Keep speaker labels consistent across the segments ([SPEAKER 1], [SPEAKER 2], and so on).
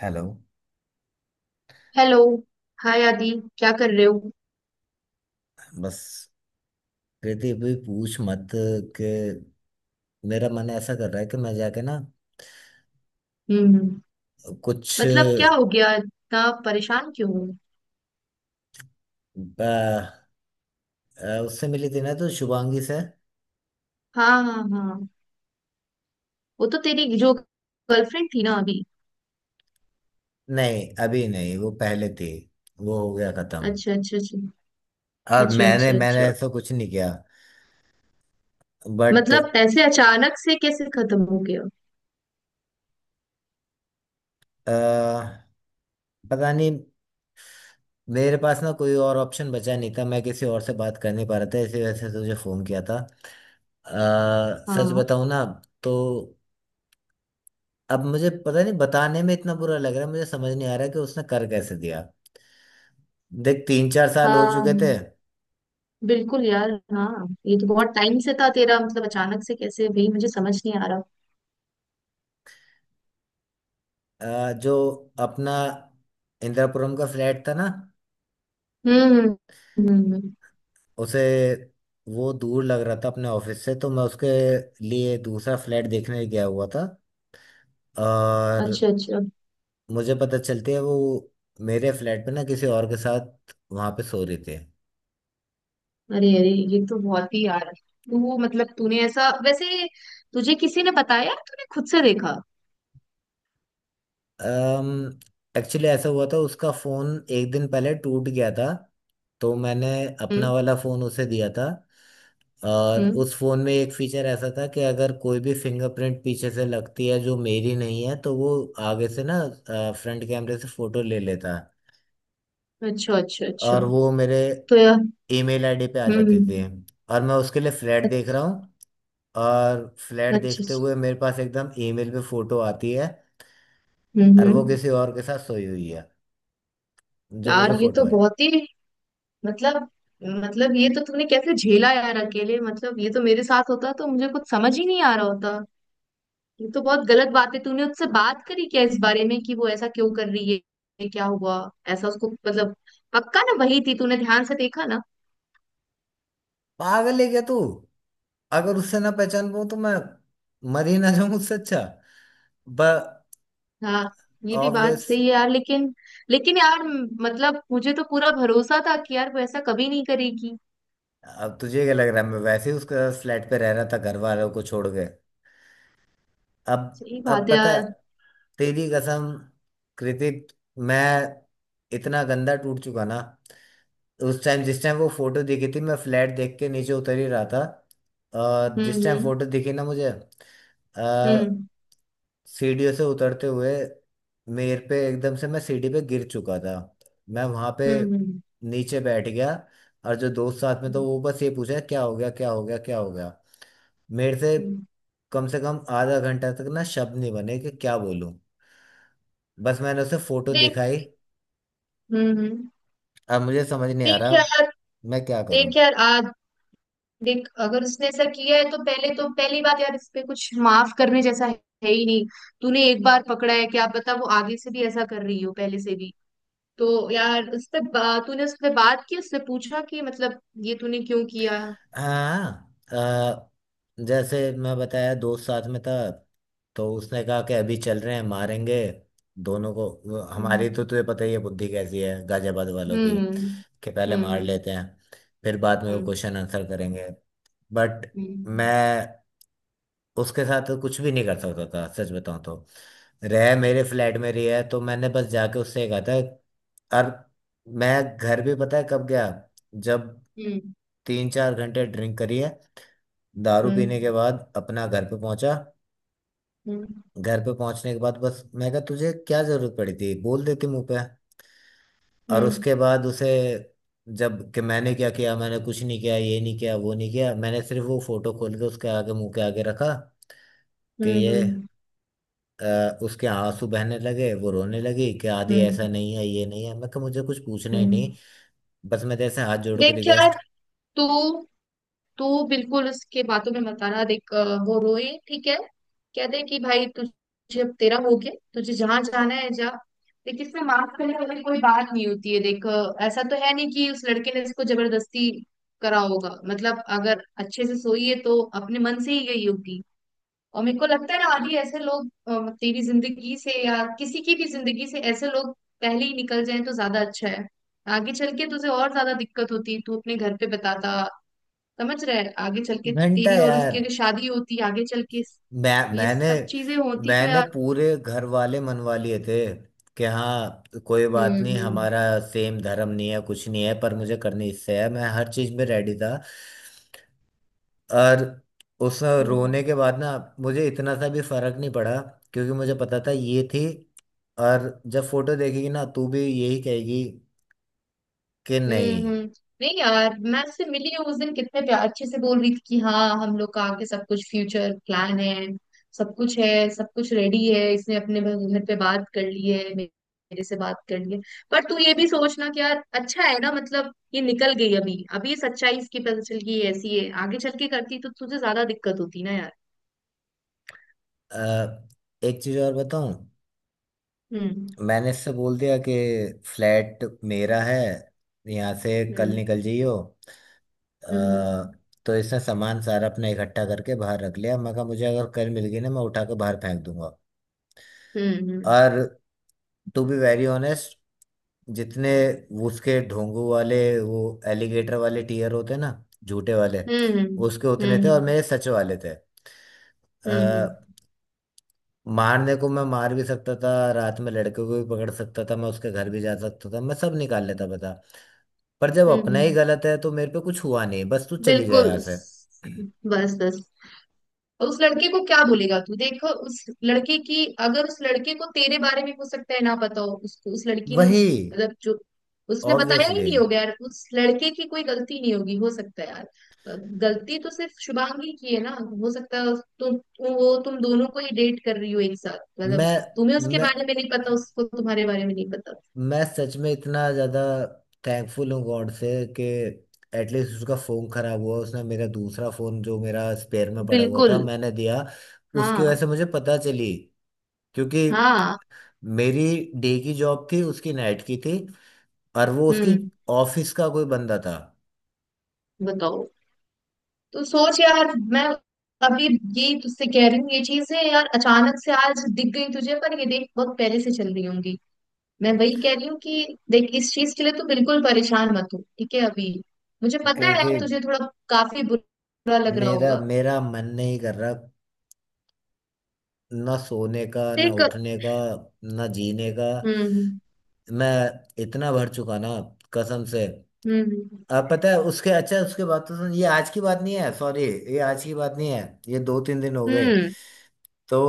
[SPEAKER 1] Hello.
[SPEAKER 2] Hello. Hi Adi. क्या कर रहे हो?
[SPEAKER 1] बस, कृति भी पूछ मत कि मेरा मन ऐसा कर रहा है कि मैं जाके ना
[SPEAKER 2] हम्म।
[SPEAKER 1] कुछ
[SPEAKER 2] मतलब क्या हो गया? इतना परेशान क्यों हो?
[SPEAKER 1] उससे मिली थी ना तो शुभांगी से।
[SPEAKER 2] हाँ हाँ हाँ। वो तो तेरी जो गर्लफ्रेंड थी ना अभी।
[SPEAKER 1] नहीं, अभी नहीं। वो पहले थी, वो हो गया खत्म।
[SPEAKER 2] अच्छा अच्छा अच्छा।
[SPEAKER 1] और
[SPEAKER 2] अच्छा
[SPEAKER 1] मैंने
[SPEAKER 2] अच्छा
[SPEAKER 1] मैंने
[SPEAKER 2] अच्छा।
[SPEAKER 1] ऐसा कुछ नहीं किया, बट
[SPEAKER 2] मतलब ऐसे अचानक से कैसे खत्म हो गया?
[SPEAKER 1] पता नहीं। मेरे पास ना कोई और ऑप्शन बचा नहीं था, मैं किसी और से बात कर नहीं पा रहा था, इसी वजह से तुझे फोन किया था। सच
[SPEAKER 2] हाँ
[SPEAKER 1] बताऊं ना तो अब मुझे पता नहीं, बताने में इतना बुरा लग रहा है। मुझे समझ नहीं आ रहा कि उसने कर कैसे दिया। देख, 3-4 साल हो चुके थे।
[SPEAKER 2] हाँ। बिल्कुल यार, हाँ ये तो बहुत टाइम से था तेरा, मतलब अचानक से कैसे भाई? मुझे समझ नहीं आ रहा।
[SPEAKER 1] जो अपना इंदिरापुरम का फ्लैट था ना
[SPEAKER 2] हम्म।
[SPEAKER 1] उसे, वो दूर लग रहा था अपने ऑफिस से तो मैं उसके लिए दूसरा फ्लैट देखने गया हुआ था। और
[SPEAKER 2] अच्छा अच्छा।
[SPEAKER 1] मुझे पता चलती है वो मेरे फ्लैट पे ना किसी और के साथ वहां पे सो रही थी।
[SPEAKER 2] अरे अरे, ये तो बहुत ही यार। तू मतलब तूने ऐसा वैसे, तुझे किसी ने बताया? तूने खुद से देखा?
[SPEAKER 1] एक्चुअली ऐसा हुआ था, उसका फोन एक दिन पहले टूट गया था तो मैंने
[SPEAKER 2] हम्म
[SPEAKER 1] अपना वाला फोन उसे दिया था। और
[SPEAKER 2] हम्म।
[SPEAKER 1] उस फोन में एक फीचर ऐसा था कि अगर कोई भी फिंगरप्रिंट पीछे से लगती है जो मेरी नहीं है तो वो आगे से ना फ्रंट कैमरे से फोटो ले लेता
[SPEAKER 2] अच्छा अच्छा अच्छा।
[SPEAKER 1] और वो मेरे
[SPEAKER 2] तो यार।
[SPEAKER 1] ईमेल आईडी पे आ जाती थी।
[SPEAKER 2] हम्म।
[SPEAKER 1] और मैं उसके लिए फ्लैट देख
[SPEAKER 2] अच्छा
[SPEAKER 1] रहा हूँ, और फ्लैट
[SPEAKER 2] अच्छा अच्छा।
[SPEAKER 1] देखते हुए मेरे पास एकदम ईमेल पे फोटो आती है और वो
[SPEAKER 2] हम्म।
[SPEAKER 1] किसी और के साथ सोई हुई है, जो मुझे
[SPEAKER 2] यार ये
[SPEAKER 1] फोटो
[SPEAKER 2] तो
[SPEAKER 1] आई।
[SPEAKER 2] बहुत ही, मतलब मतलब ये तो तूने कैसे झेला यार अकेले। मतलब ये तो मेरे साथ होता तो मुझे कुछ समझ ही नहीं आ रहा होता। ये तो बहुत गलत बात है। तूने उससे बात करी क्या इस बारे में कि वो ऐसा क्यों कर रही है? क्या हुआ ऐसा उसको? मतलब पक्का ना वही थी, तूने ध्यान से देखा ना?
[SPEAKER 1] पागल है क्या तू? अगर उससे ना पहचान पाऊं तो मैं मर ही ना जाऊं। उससे अच्छा ब
[SPEAKER 2] हाँ। ये भी बात
[SPEAKER 1] ऑब्वियस।
[SPEAKER 2] सही है यार, लेकिन। लेकिन यार, मतलब मुझे तो पूरा भरोसा था कि यार वो ऐसा कभी नहीं करेगी।
[SPEAKER 1] अब तुझे क्या लग रहा है, मैं वैसे ही उसका फ्लैट पे रह रहा था, घर वालों को छोड़ के। अब
[SPEAKER 2] सही
[SPEAKER 1] अब
[SPEAKER 2] बात है
[SPEAKER 1] पता है,
[SPEAKER 2] यार।
[SPEAKER 1] तेरी कसम कृतिक, मैं इतना गंदा टूट चुका ना। उस टाइम, जिस टाइम वो फोटो दिखी थी, मैं फ्लैट देख के नीचे उतर ही रहा था। और
[SPEAKER 2] हम्म
[SPEAKER 1] जिस टाइम
[SPEAKER 2] हम्म
[SPEAKER 1] फोटो दिखी ना मुझे, सीढ़ियों से उतरते हुए मेरे पे एकदम से, मैं सीढ़ी पे गिर चुका था। मैं वहां पे
[SPEAKER 2] हम्म हम्म
[SPEAKER 1] नीचे बैठ गया। और जो दोस्त साथ में था
[SPEAKER 2] हम्म,
[SPEAKER 1] वो बस ये पूछा, क्या हो गया, क्या हो गया, क्या हो गया। मेरे
[SPEAKER 2] हम्म।
[SPEAKER 1] से कम आधा घंटा तक ना शब्द नहीं बने कि क्या बोलूं। बस मैंने उसे फोटो
[SPEAKER 2] देख।
[SPEAKER 1] दिखाई।
[SPEAKER 2] हम्म हम्म।
[SPEAKER 1] अब मुझे समझ नहीं आ
[SPEAKER 2] देख
[SPEAKER 1] रहा
[SPEAKER 2] यार।
[SPEAKER 1] मैं क्या करूं।
[SPEAKER 2] देख यार आज, देख अगर उसने ऐसा किया है तो पहले तो पहली बात यार, इस पे कुछ माफ करने जैसा है ही नहीं। तूने एक बार पकड़ा है, क्या पता वो आगे से भी ऐसा कर रही हो, पहले से भी। तो यार उस पे तूने उससे बात की, उससे पूछा कि मतलब ये तूने क्यों किया?
[SPEAKER 1] हाँ, जैसे मैं बताया दोस्त साथ में था तो उसने कहा कि अभी चल रहे हैं, मारेंगे दोनों को। वो हमारी तो
[SPEAKER 2] हम्म।
[SPEAKER 1] तुझे पता ही है बुद्धि कैसी है गाजियाबाद वालों की,
[SPEAKER 2] हम्म
[SPEAKER 1] कि पहले मार
[SPEAKER 2] हम्म
[SPEAKER 1] लेते हैं फिर बाद में वो
[SPEAKER 2] हम्म
[SPEAKER 1] क्वेश्चन आंसर करेंगे। बट
[SPEAKER 2] हम्म
[SPEAKER 1] मैं उसके साथ कुछ भी नहीं कर सकता था सच बताऊं तो। रह मेरे फ्लैट में रही है तो मैंने बस जाके उससे कहा था। और मैं घर भी पता है कब गया, जब
[SPEAKER 2] हम्म
[SPEAKER 1] 3-4 घंटे ड्रिंक करी है। दारू पीने
[SPEAKER 2] हम्म
[SPEAKER 1] के बाद अपना घर पे पहुंचा।
[SPEAKER 2] हम्म
[SPEAKER 1] घर पे पहुंचने के बाद बस मैं कहा, तुझे क्या जरूरत पड़ी थी, बोल देती मुंह पे। और
[SPEAKER 2] हम्म
[SPEAKER 1] उसके बाद उसे, जब कि मैंने क्या किया, मैंने कुछ नहीं किया, ये नहीं किया, वो नहीं किया, मैंने सिर्फ वो फोटो खोल के उसके आगे, मुंह के आगे रखा कि ये।
[SPEAKER 2] हम्म,
[SPEAKER 1] उसके आंसू बहने लगे, वो रोने लगी कि आदि
[SPEAKER 2] हम्म,
[SPEAKER 1] ऐसा
[SPEAKER 2] हम्म।
[SPEAKER 1] नहीं है, ये नहीं है। मैं कहा मुझे कुछ पूछना ही नहीं।
[SPEAKER 2] हम्म।
[SPEAKER 1] बस मैं जैसे हाथ जोड़ के
[SPEAKER 2] देख यार,
[SPEAKER 1] रिक्वेस्ट।
[SPEAKER 2] तू तू बिल्कुल उसके बातों में मत आना। देख वो रोए ठीक है, कह दे कि भाई तुझे अब तेरा हो गया, तुझे जहां जाना है जा। देख इसमें माफ करने वाली कोई बात नहीं होती है। देख ऐसा तो है नहीं कि उस लड़के ने इसको जबरदस्ती करा होगा, मतलब अगर अच्छे से सोई है तो अपने मन से ही गई होगी। और मेरे को लगता है ना आदि ऐसे लोग, मतलब तेरी जिंदगी से या किसी की भी जिंदगी से ऐसे लोग पहले ही निकल जाएं तो ज्यादा अच्छा है। आगे चल के तुझे और ज्यादा दिक्कत होती। तू अपने घर पे बताता, समझ रहे? आगे चल के
[SPEAKER 1] घंटा
[SPEAKER 2] तेरी और उसकी
[SPEAKER 1] यार!
[SPEAKER 2] अगर शादी होती, आगे चल के
[SPEAKER 1] मैं
[SPEAKER 2] ये
[SPEAKER 1] मैंने
[SPEAKER 2] सब चीजें होती तो
[SPEAKER 1] मैंने
[SPEAKER 2] यार।
[SPEAKER 1] पूरे घर वाले मनवा लिए थे कि हाँ कोई बात नहीं,
[SPEAKER 2] हम्म।
[SPEAKER 1] हमारा सेम धर्म नहीं है, कुछ नहीं है, पर मुझे करनी इससे है, मैं हर चीज में रेडी था। और उस रोने
[SPEAKER 2] हम्म।
[SPEAKER 1] के बाद ना मुझे इतना सा भी फर्क नहीं पड़ा, क्योंकि मुझे पता था ये थी। और जब फोटो देखेगी ना तू भी यही कहेगी कि नहीं।
[SPEAKER 2] हम्म हम्म। नहीं यार, मैं उससे मिली हूँ उस दिन कितने प्यार अच्छे से बोल रही थी कि हाँ हम लोग का आगे सब कुछ फ्यूचर प्लान है, सब कुछ है, सब कुछ रेडी है, इसने अपने घर पे बात कर ली है, मेरे से बात कर ली है। पर तू ये भी सोचना कि यार अच्छा है ना, मतलब ये निकल गई अभी अभी, ये सच्चाई इसकी पता चल गई। ये ऐसी है, आगे चल के करती तो तुझे ज्यादा दिक्कत होती ना यार।
[SPEAKER 1] अ, एक चीज और बताऊं,
[SPEAKER 2] हम्म
[SPEAKER 1] मैंने इससे बोल दिया कि फ्लैट मेरा है, यहाँ से कल
[SPEAKER 2] हम्म
[SPEAKER 1] निकल जाइयो। अ,
[SPEAKER 2] हम्म
[SPEAKER 1] तो इसने सामान सारा अपना इकट्ठा करके बाहर रख लिया। मैं कहा मुझे अगर कल मिल गई ना, मैं उठा के बाहर फेंक दूंगा।
[SPEAKER 2] हम्म
[SPEAKER 1] और टू बी वेरी ऑनेस्ट, जितने वो उसके ढोंगू वाले वो एलिगेटर वाले टीयर होते हैं ना, झूठे वाले,
[SPEAKER 2] हम्म हम्म
[SPEAKER 1] उसके उतने
[SPEAKER 2] हम्म
[SPEAKER 1] थे और
[SPEAKER 2] हम्म
[SPEAKER 1] मेरे सच वाले थे। अ,
[SPEAKER 2] हम्म
[SPEAKER 1] मारने को मैं मार भी सकता था, रात में लड़के को भी पकड़ सकता था, मैं उसके घर भी जा सकता था, मैं सब निकाल लेता, बता। पर जब अपना ही
[SPEAKER 2] हम्म।
[SPEAKER 1] गलत है तो मेरे पे कुछ हुआ नहीं, बस तू चली जा
[SPEAKER 2] बिल्कुल।
[SPEAKER 1] यहाँ से।
[SPEAKER 2] बस बस, उस लड़के को क्या बोलेगा तू? देखो उस लड़के की, अगर उस लड़के को तेरे बारे में हो सकता है ना पता हो, उसको उस लड़की ने
[SPEAKER 1] वही,
[SPEAKER 2] मतलब जो, उसने बताया ही
[SPEAKER 1] ऑब्वियसली।
[SPEAKER 2] नहीं होगा यार, उस लड़के की कोई गलती नहीं होगी। हो सकता है यार गलती तो सिर्फ शुभांगी की है ना। हो सकता है तुम, वो तुम दोनों को ही डेट कर रही हो एक साथ, मतलब
[SPEAKER 1] मैं
[SPEAKER 2] तुम्हें उसके
[SPEAKER 1] मैं
[SPEAKER 2] बारे में नहीं पता, उसको तुम्हारे बारे में नहीं पता।
[SPEAKER 1] मैं सच में इतना ज्यादा थैंकफुल हूँ गॉड से कि एटलीस्ट उसका फोन खराब हुआ, उसने मेरा दूसरा फोन जो मेरा स्पेयर में पड़ा हुआ था
[SPEAKER 2] बिल्कुल।
[SPEAKER 1] मैंने दिया। उसकी वजह
[SPEAKER 2] हाँ
[SPEAKER 1] से मुझे पता चली, क्योंकि
[SPEAKER 2] हाँ।
[SPEAKER 1] मेरी डे की जॉब थी, उसकी नाइट की थी और वो उसकी
[SPEAKER 2] हम्म।
[SPEAKER 1] ऑफिस का कोई बंदा था।
[SPEAKER 2] बताओ। तो सोच यार, मैं अभी ये तुझसे कह रही हूँ ये चीजें यार, अचानक से आज दिख गई तुझे पर ये देख बहुत पहले से चल रही होंगी। मैं वही कह रही हूँ कि देख इस चीज के लिए तू बिल्कुल परेशान मत हो, ठीक है? अभी मुझे पता है
[SPEAKER 1] कहती,
[SPEAKER 2] तुझे थोड़ा काफी बुरा लग रहा
[SPEAKER 1] मेरा
[SPEAKER 2] होगा।
[SPEAKER 1] मेरा मन नहीं कर रहा, ना सोने का, ना
[SPEAKER 2] देख।
[SPEAKER 1] उठने का, ना जीने का।
[SPEAKER 2] हम्म
[SPEAKER 1] मैं इतना भर चुका ना, कसम से।
[SPEAKER 2] हम्म
[SPEAKER 1] अब पता है उसके, अच्छा उसके बाद तो सुन, ये आज की बात नहीं है, सॉरी। ये आज की बात नहीं है, ये 2-3 दिन हो गए।
[SPEAKER 2] हम्म
[SPEAKER 1] तो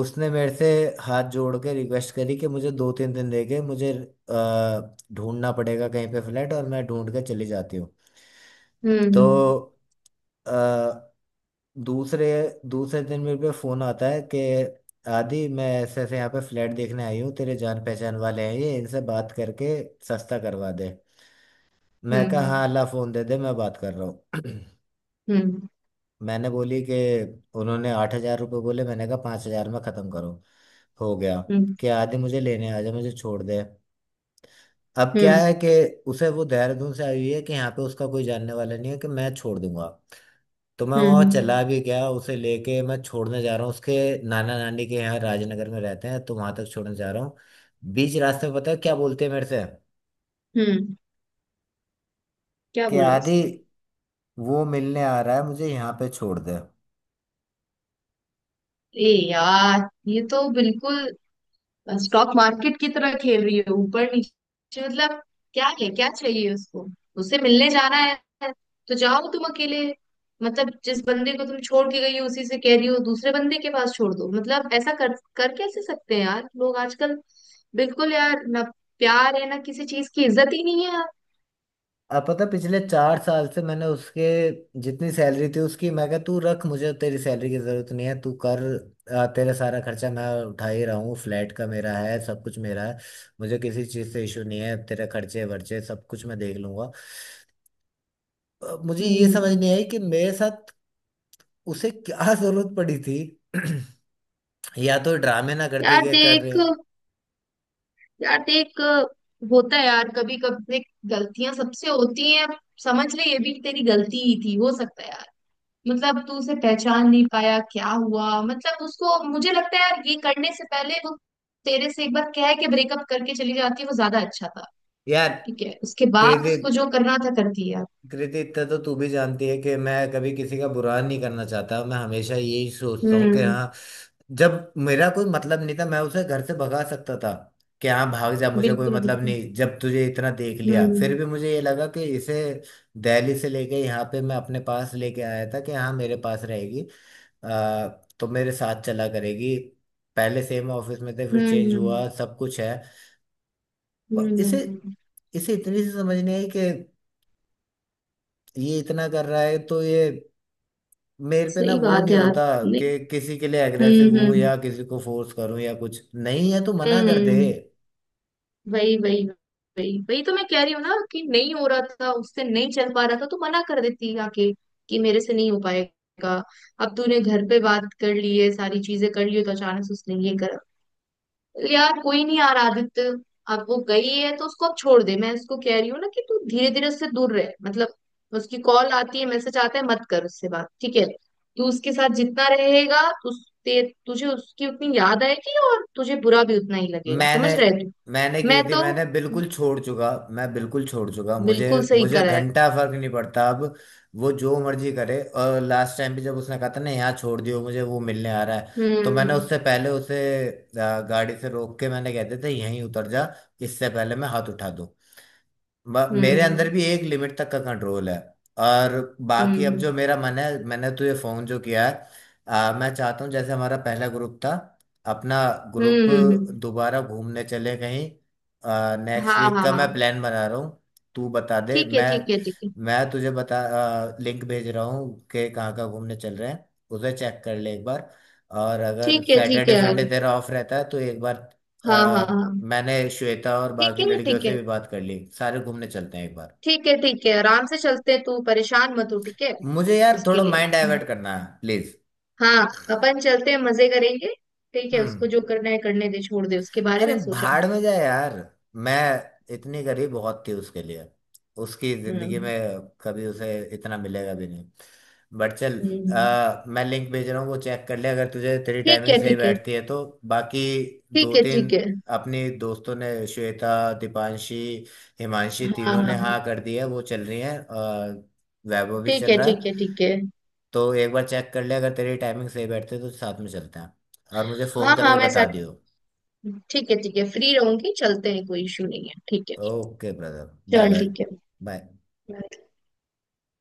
[SPEAKER 1] उसने मेरे से हाथ जोड़ के रिक्वेस्ट करी कि मुझे 2-3 दिन दे के मुझे ढूंढना पड़ेगा कहीं पे फ्लैट और मैं ढूंढ के चली जाती हूँ। तो
[SPEAKER 2] हम्म
[SPEAKER 1] अ, दूसरे दूसरे दिन मेरे पे फोन आता है कि आदि, मैं ऐसे ऐसे यहाँ पे फ्लैट देखने आई हूँ, तेरे जान पहचान वाले हैं ये, इनसे बात करके सस्ता करवा दे। मैं कहा हाँ
[SPEAKER 2] हम्म
[SPEAKER 1] अल्लाह, फोन दे दे, मैं बात कर रहा हूँ।
[SPEAKER 2] हम्म
[SPEAKER 1] मैंने बोली कि उन्होंने ₹8,000 बोले, मैंने कहा 5,000 में ख़त्म करो। हो गया
[SPEAKER 2] हम्म हम्म हम्म
[SPEAKER 1] कि आदि मुझे लेने आ जा, मुझे छोड़ दे। अब क्या
[SPEAKER 2] हम्म
[SPEAKER 1] है कि उसे, वो देहरादून से आई हुई है कि यहाँ पे उसका कोई जानने वाला नहीं है कि मैं छोड़ दूंगा। तो मैं
[SPEAKER 2] हम्म,
[SPEAKER 1] वहाँ
[SPEAKER 2] हम्म,
[SPEAKER 1] चला भी गया, उसे लेके मैं छोड़ने जा रहा हूँ, उसके नाना नानी के यहाँ राजनगर में रहते हैं तो वहां तक छोड़ने जा रहा हूँ। बीच रास्ते में पता है क्या बोलते हैं मेरे से
[SPEAKER 2] हम्म। क्या
[SPEAKER 1] कि
[SPEAKER 2] बोला
[SPEAKER 1] आदि
[SPEAKER 2] उसने?
[SPEAKER 1] वो मिलने आ रहा है, मुझे यहाँ पे छोड़ दे।
[SPEAKER 2] ए यार ये तो बिल्कुल स्टॉक मार्केट की तरह खेल रही है, ऊपर नीचे। मतलब क्या है, क्या चाहिए उसको? उससे मिलने जाना है तो जाओ तुम अकेले। मतलब जिस बंदे को तुम छोड़ के गई हो उसी से कह रही हो दूसरे बंदे के पास छोड़ दो, मतलब ऐसा कर कर कैसे सकते हैं यार लोग आजकल। बिल्कुल यार ना, प्यार है ना, किसी चीज की इज्जत ही नहीं है यार।
[SPEAKER 1] अब पता है, पिछले 4 साल से मैंने उसके, जितनी सैलरी थी उसकी, मैं कहा तू रख, मुझे तेरी सैलरी की जरूरत नहीं है, तू कर। तेरा सारा खर्चा मैं उठा ही रहा हूँ, फ्लैट का मेरा है, सब कुछ मेरा है। मुझे किसी चीज़ से इशू नहीं है, तेरे खर्चे वर्चे सब कुछ मैं देख लूंगा। मुझे ये समझ
[SPEAKER 2] हम्म।
[SPEAKER 1] नहीं आई कि मेरे साथ उसे क्या जरूरत पड़ी थी। या तो ड्रामे ना करते
[SPEAKER 2] यार
[SPEAKER 1] गए कर रहे
[SPEAKER 2] देख।
[SPEAKER 1] हैं,
[SPEAKER 2] यार देख, होता है यार कभी कभी, गलतियां सबसे होती हैं। समझ ले ये भी तेरी गलती ही थी, हो सकता है यार। मतलब तू उसे पहचान नहीं पाया, क्या हुआ मतलब उसको, मुझे लगता है यार ये करने से पहले वो तेरे से एक बार कह के ब्रेकअप करके चली जाती, वो ज्यादा अच्छा था।
[SPEAKER 1] यार।
[SPEAKER 2] ठीक है उसके
[SPEAKER 1] तेरे
[SPEAKER 2] बाद
[SPEAKER 1] से,
[SPEAKER 2] उसको जो करना था कर दिया।
[SPEAKER 1] कृति, इतना तो तू भी जानती है कि मैं कभी किसी का बुरा नहीं करना चाहता, मैं हमेशा यही सोचता हूँ कि
[SPEAKER 2] हम्म।
[SPEAKER 1] हाँ, जब मेरा कोई मतलब नहीं था मैं उसे घर से भगा सकता था कि हाँ भाग जा, मुझे कोई
[SPEAKER 2] बिल्कुल
[SPEAKER 1] मतलब
[SPEAKER 2] बिल्कुल।
[SPEAKER 1] नहीं। जब तुझे इतना देख लिया फिर
[SPEAKER 2] हम्म।
[SPEAKER 1] भी मुझे ये लगा कि इसे दिल्ली से लेके यहाँ पे मैं अपने पास लेके आया था कि हाँ मेरे पास रहेगी। आ, तो मेरे साथ चला करेगी। पहले सेम ऑफिस में थे, फिर
[SPEAKER 2] हम्म
[SPEAKER 1] चेंज
[SPEAKER 2] हम्म
[SPEAKER 1] हुआ, सब कुछ है। ब-
[SPEAKER 2] हम्म, हम्म,
[SPEAKER 1] इसे
[SPEAKER 2] हम्म।
[SPEAKER 1] इसे इतनी सी समझ नहीं आई कि ये इतना कर रहा है तो ये। मेरे पे ना
[SPEAKER 2] सही
[SPEAKER 1] वो
[SPEAKER 2] बात
[SPEAKER 1] नहीं
[SPEAKER 2] है यार।
[SPEAKER 1] होता
[SPEAKER 2] नहीं।
[SPEAKER 1] कि किसी के लिए अग्रेसिव हूं
[SPEAKER 2] हम्म।
[SPEAKER 1] या किसी को फोर्स करूं, या कुछ नहीं है तो मना
[SPEAKER 2] हम्म
[SPEAKER 1] कर दे।
[SPEAKER 2] हम्म। वही वही, वही वही तो मैं कह रही हूँ ना कि नहीं हो रहा था उससे, नहीं चल पा रहा था तो मना कर देती आके कि मेरे से नहीं हो पाएगा। अब तूने घर पे बात कर ली है, सारी चीजें कर ली है, तो अचानक से उसने ये करा, यार कोई नहीं यार आदित्य। अब वो गई है तो उसको अब छोड़ दे। मैं उसको कह रही हूँ ना कि तू धीरे धीरे उससे दूर रहे, मतलब उसकी कॉल आती है, मैसेज आता है, मत कर उससे बात, ठीक है? तू उसके साथ जितना रहेगा तुझ- ते तुझे उसकी उतनी याद आएगी और तुझे बुरा भी उतना ही लगेगा,
[SPEAKER 1] मैंने
[SPEAKER 2] समझ रहे तू?
[SPEAKER 1] मैंने की
[SPEAKER 2] मैं
[SPEAKER 1] थी,
[SPEAKER 2] तो
[SPEAKER 1] मैंने बिल्कुल छोड़ चुका, मैं बिल्कुल छोड़ चुका। मुझे
[SPEAKER 2] बिल्कुल सही
[SPEAKER 1] मुझे
[SPEAKER 2] करा है।
[SPEAKER 1] घंटा फर्क नहीं पड़ता अब, वो जो मर्जी करे। और लास्ट टाइम भी जब उसने कहा था ना यहाँ छोड़ दियो मुझे, वो मिलने आ रहा है, तो मैंने
[SPEAKER 2] हम्म
[SPEAKER 1] उससे पहले उसे गाड़ी से रोक के मैंने कहते थे यहीं उतर जा, इससे पहले मैं हाथ उठा दूं। मेरे अंदर
[SPEAKER 2] हम्म
[SPEAKER 1] भी एक लिमिट तक का कंट्रोल है। और
[SPEAKER 2] हम्म
[SPEAKER 1] बाकी अब
[SPEAKER 2] हम्म
[SPEAKER 1] जो मेरा मन है, मैंने तुझे फोन जो किया है, मैं चाहता हूँ जैसे हमारा पहला ग्रुप था अपना ग्रुप,
[SPEAKER 2] हम्म। हम्म।
[SPEAKER 1] दोबारा घूमने चले कहीं। नेक्स्ट
[SPEAKER 2] हाँ
[SPEAKER 1] वीक
[SPEAKER 2] हाँ
[SPEAKER 1] का मैं
[SPEAKER 2] हाँ।
[SPEAKER 1] प्लान बना रहा हूँ, तू बता दे।
[SPEAKER 2] ठीक है
[SPEAKER 1] मैं
[SPEAKER 2] ठीक है ठीक है।
[SPEAKER 1] मैं तुझे बता, लिंक भेज रहा हूँ कि कहाँ कहाँ घूमने चल रहे हैं, उसे चेक कर ले एक बार, और अगर
[SPEAKER 2] ठीक है ठीक है
[SPEAKER 1] सैटरडे संडे
[SPEAKER 2] यार।
[SPEAKER 1] तेरा ऑफ रहता है तो एक बार।
[SPEAKER 2] हाँ हाँ हाँ।
[SPEAKER 1] मैंने श्वेता और
[SPEAKER 2] ठीक
[SPEAKER 1] बाकी
[SPEAKER 2] है ना,
[SPEAKER 1] लड़कियों
[SPEAKER 2] ठीक
[SPEAKER 1] से
[SPEAKER 2] है।
[SPEAKER 1] भी बात कर ली, सारे घूमने चलते हैं एक बार।
[SPEAKER 2] ठीक है ठीक है, आराम से चलते हैं, तू परेशान मत हो ठीक है।
[SPEAKER 1] मुझे यार
[SPEAKER 2] इसके
[SPEAKER 1] थोड़ा
[SPEAKER 2] लिए।
[SPEAKER 1] माइंड
[SPEAKER 2] हम्म,
[SPEAKER 1] डाइवर्ट करना है, प्लीज।
[SPEAKER 2] हाँ। अपन चलते हैं, मजे करेंगे। ठीक है,
[SPEAKER 1] हम्म।
[SPEAKER 2] उसको जो करना है करने दे, छोड़ दे, उसके बारे
[SPEAKER 1] अरे
[SPEAKER 2] में सोचा मत।
[SPEAKER 1] भाड़ में जा यार, मैं इतनी गरीब बहुत थी उसके लिए, उसकी जिंदगी
[SPEAKER 2] हम्म
[SPEAKER 1] में कभी उसे इतना मिलेगा भी नहीं। बट चल,
[SPEAKER 2] हम्म।
[SPEAKER 1] मैं लिंक भेज रहा हूँ, वो चेक कर ले अगर तुझे तेरी
[SPEAKER 2] ठीक
[SPEAKER 1] टाइमिंग
[SPEAKER 2] है
[SPEAKER 1] सही
[SPEAKER 2] ठीक है।
[SPEAKER 1] बैठती है तो। बाकी
[SPEAKER 2] ठीक
[SPEAKER 1] दो
[SPEAKER 2] है
[SPEAKER 1] तीन
[SPEAKER 2] ठीक है।
[SPEAKER 1] अपनी दोस्तों ने, श्वेता, दीपांशी, हिमांशी,
[SPEAKER 2] हाँ
[SPEAKER 1] तीनों
[SPEAKER 2] हाँ
[SPEAKER 1] ने
[SPEAKER 2] हाँ।
[SPEAKER 1] हाँ कर दी है, वो चल रही है, वैभव भी
[SPEAKER 2] ठीक
[SPEAKER 1] चल
[SPEAKER 2] है
[SPEAKER 1] रहा
[SPEAKER 2] ठीक
[SPEAKER 1] है।
[SPEAKER 2] है। ठीक है
[SPEAKER 1] तो एक बार चेक कर ले अगर तेरी टाइमिंग सही बैठती है तो साथ में चलते हैं, और मुझे फ़ोन
[SPEAKER 2] हाँ हाँ,
[SPEAKER 1] करके
[SPEAKER 2] मैं
[SPEAKER 1] बता दियो।
[SPEAKER 2] ठीक है ठीक है, फ्री रहूंगी, चलते हैं, कोई इशू नहीं है ठीक है।
[SPEAKER 1] ओके ब्रदर, बाय
[SPEAKER 2] चल
[SPEAKER 1] बाय
[SPEAKER 2] ठीक है।
[SPEAKER 1] बाय।
[SPEAKER 2] Bye.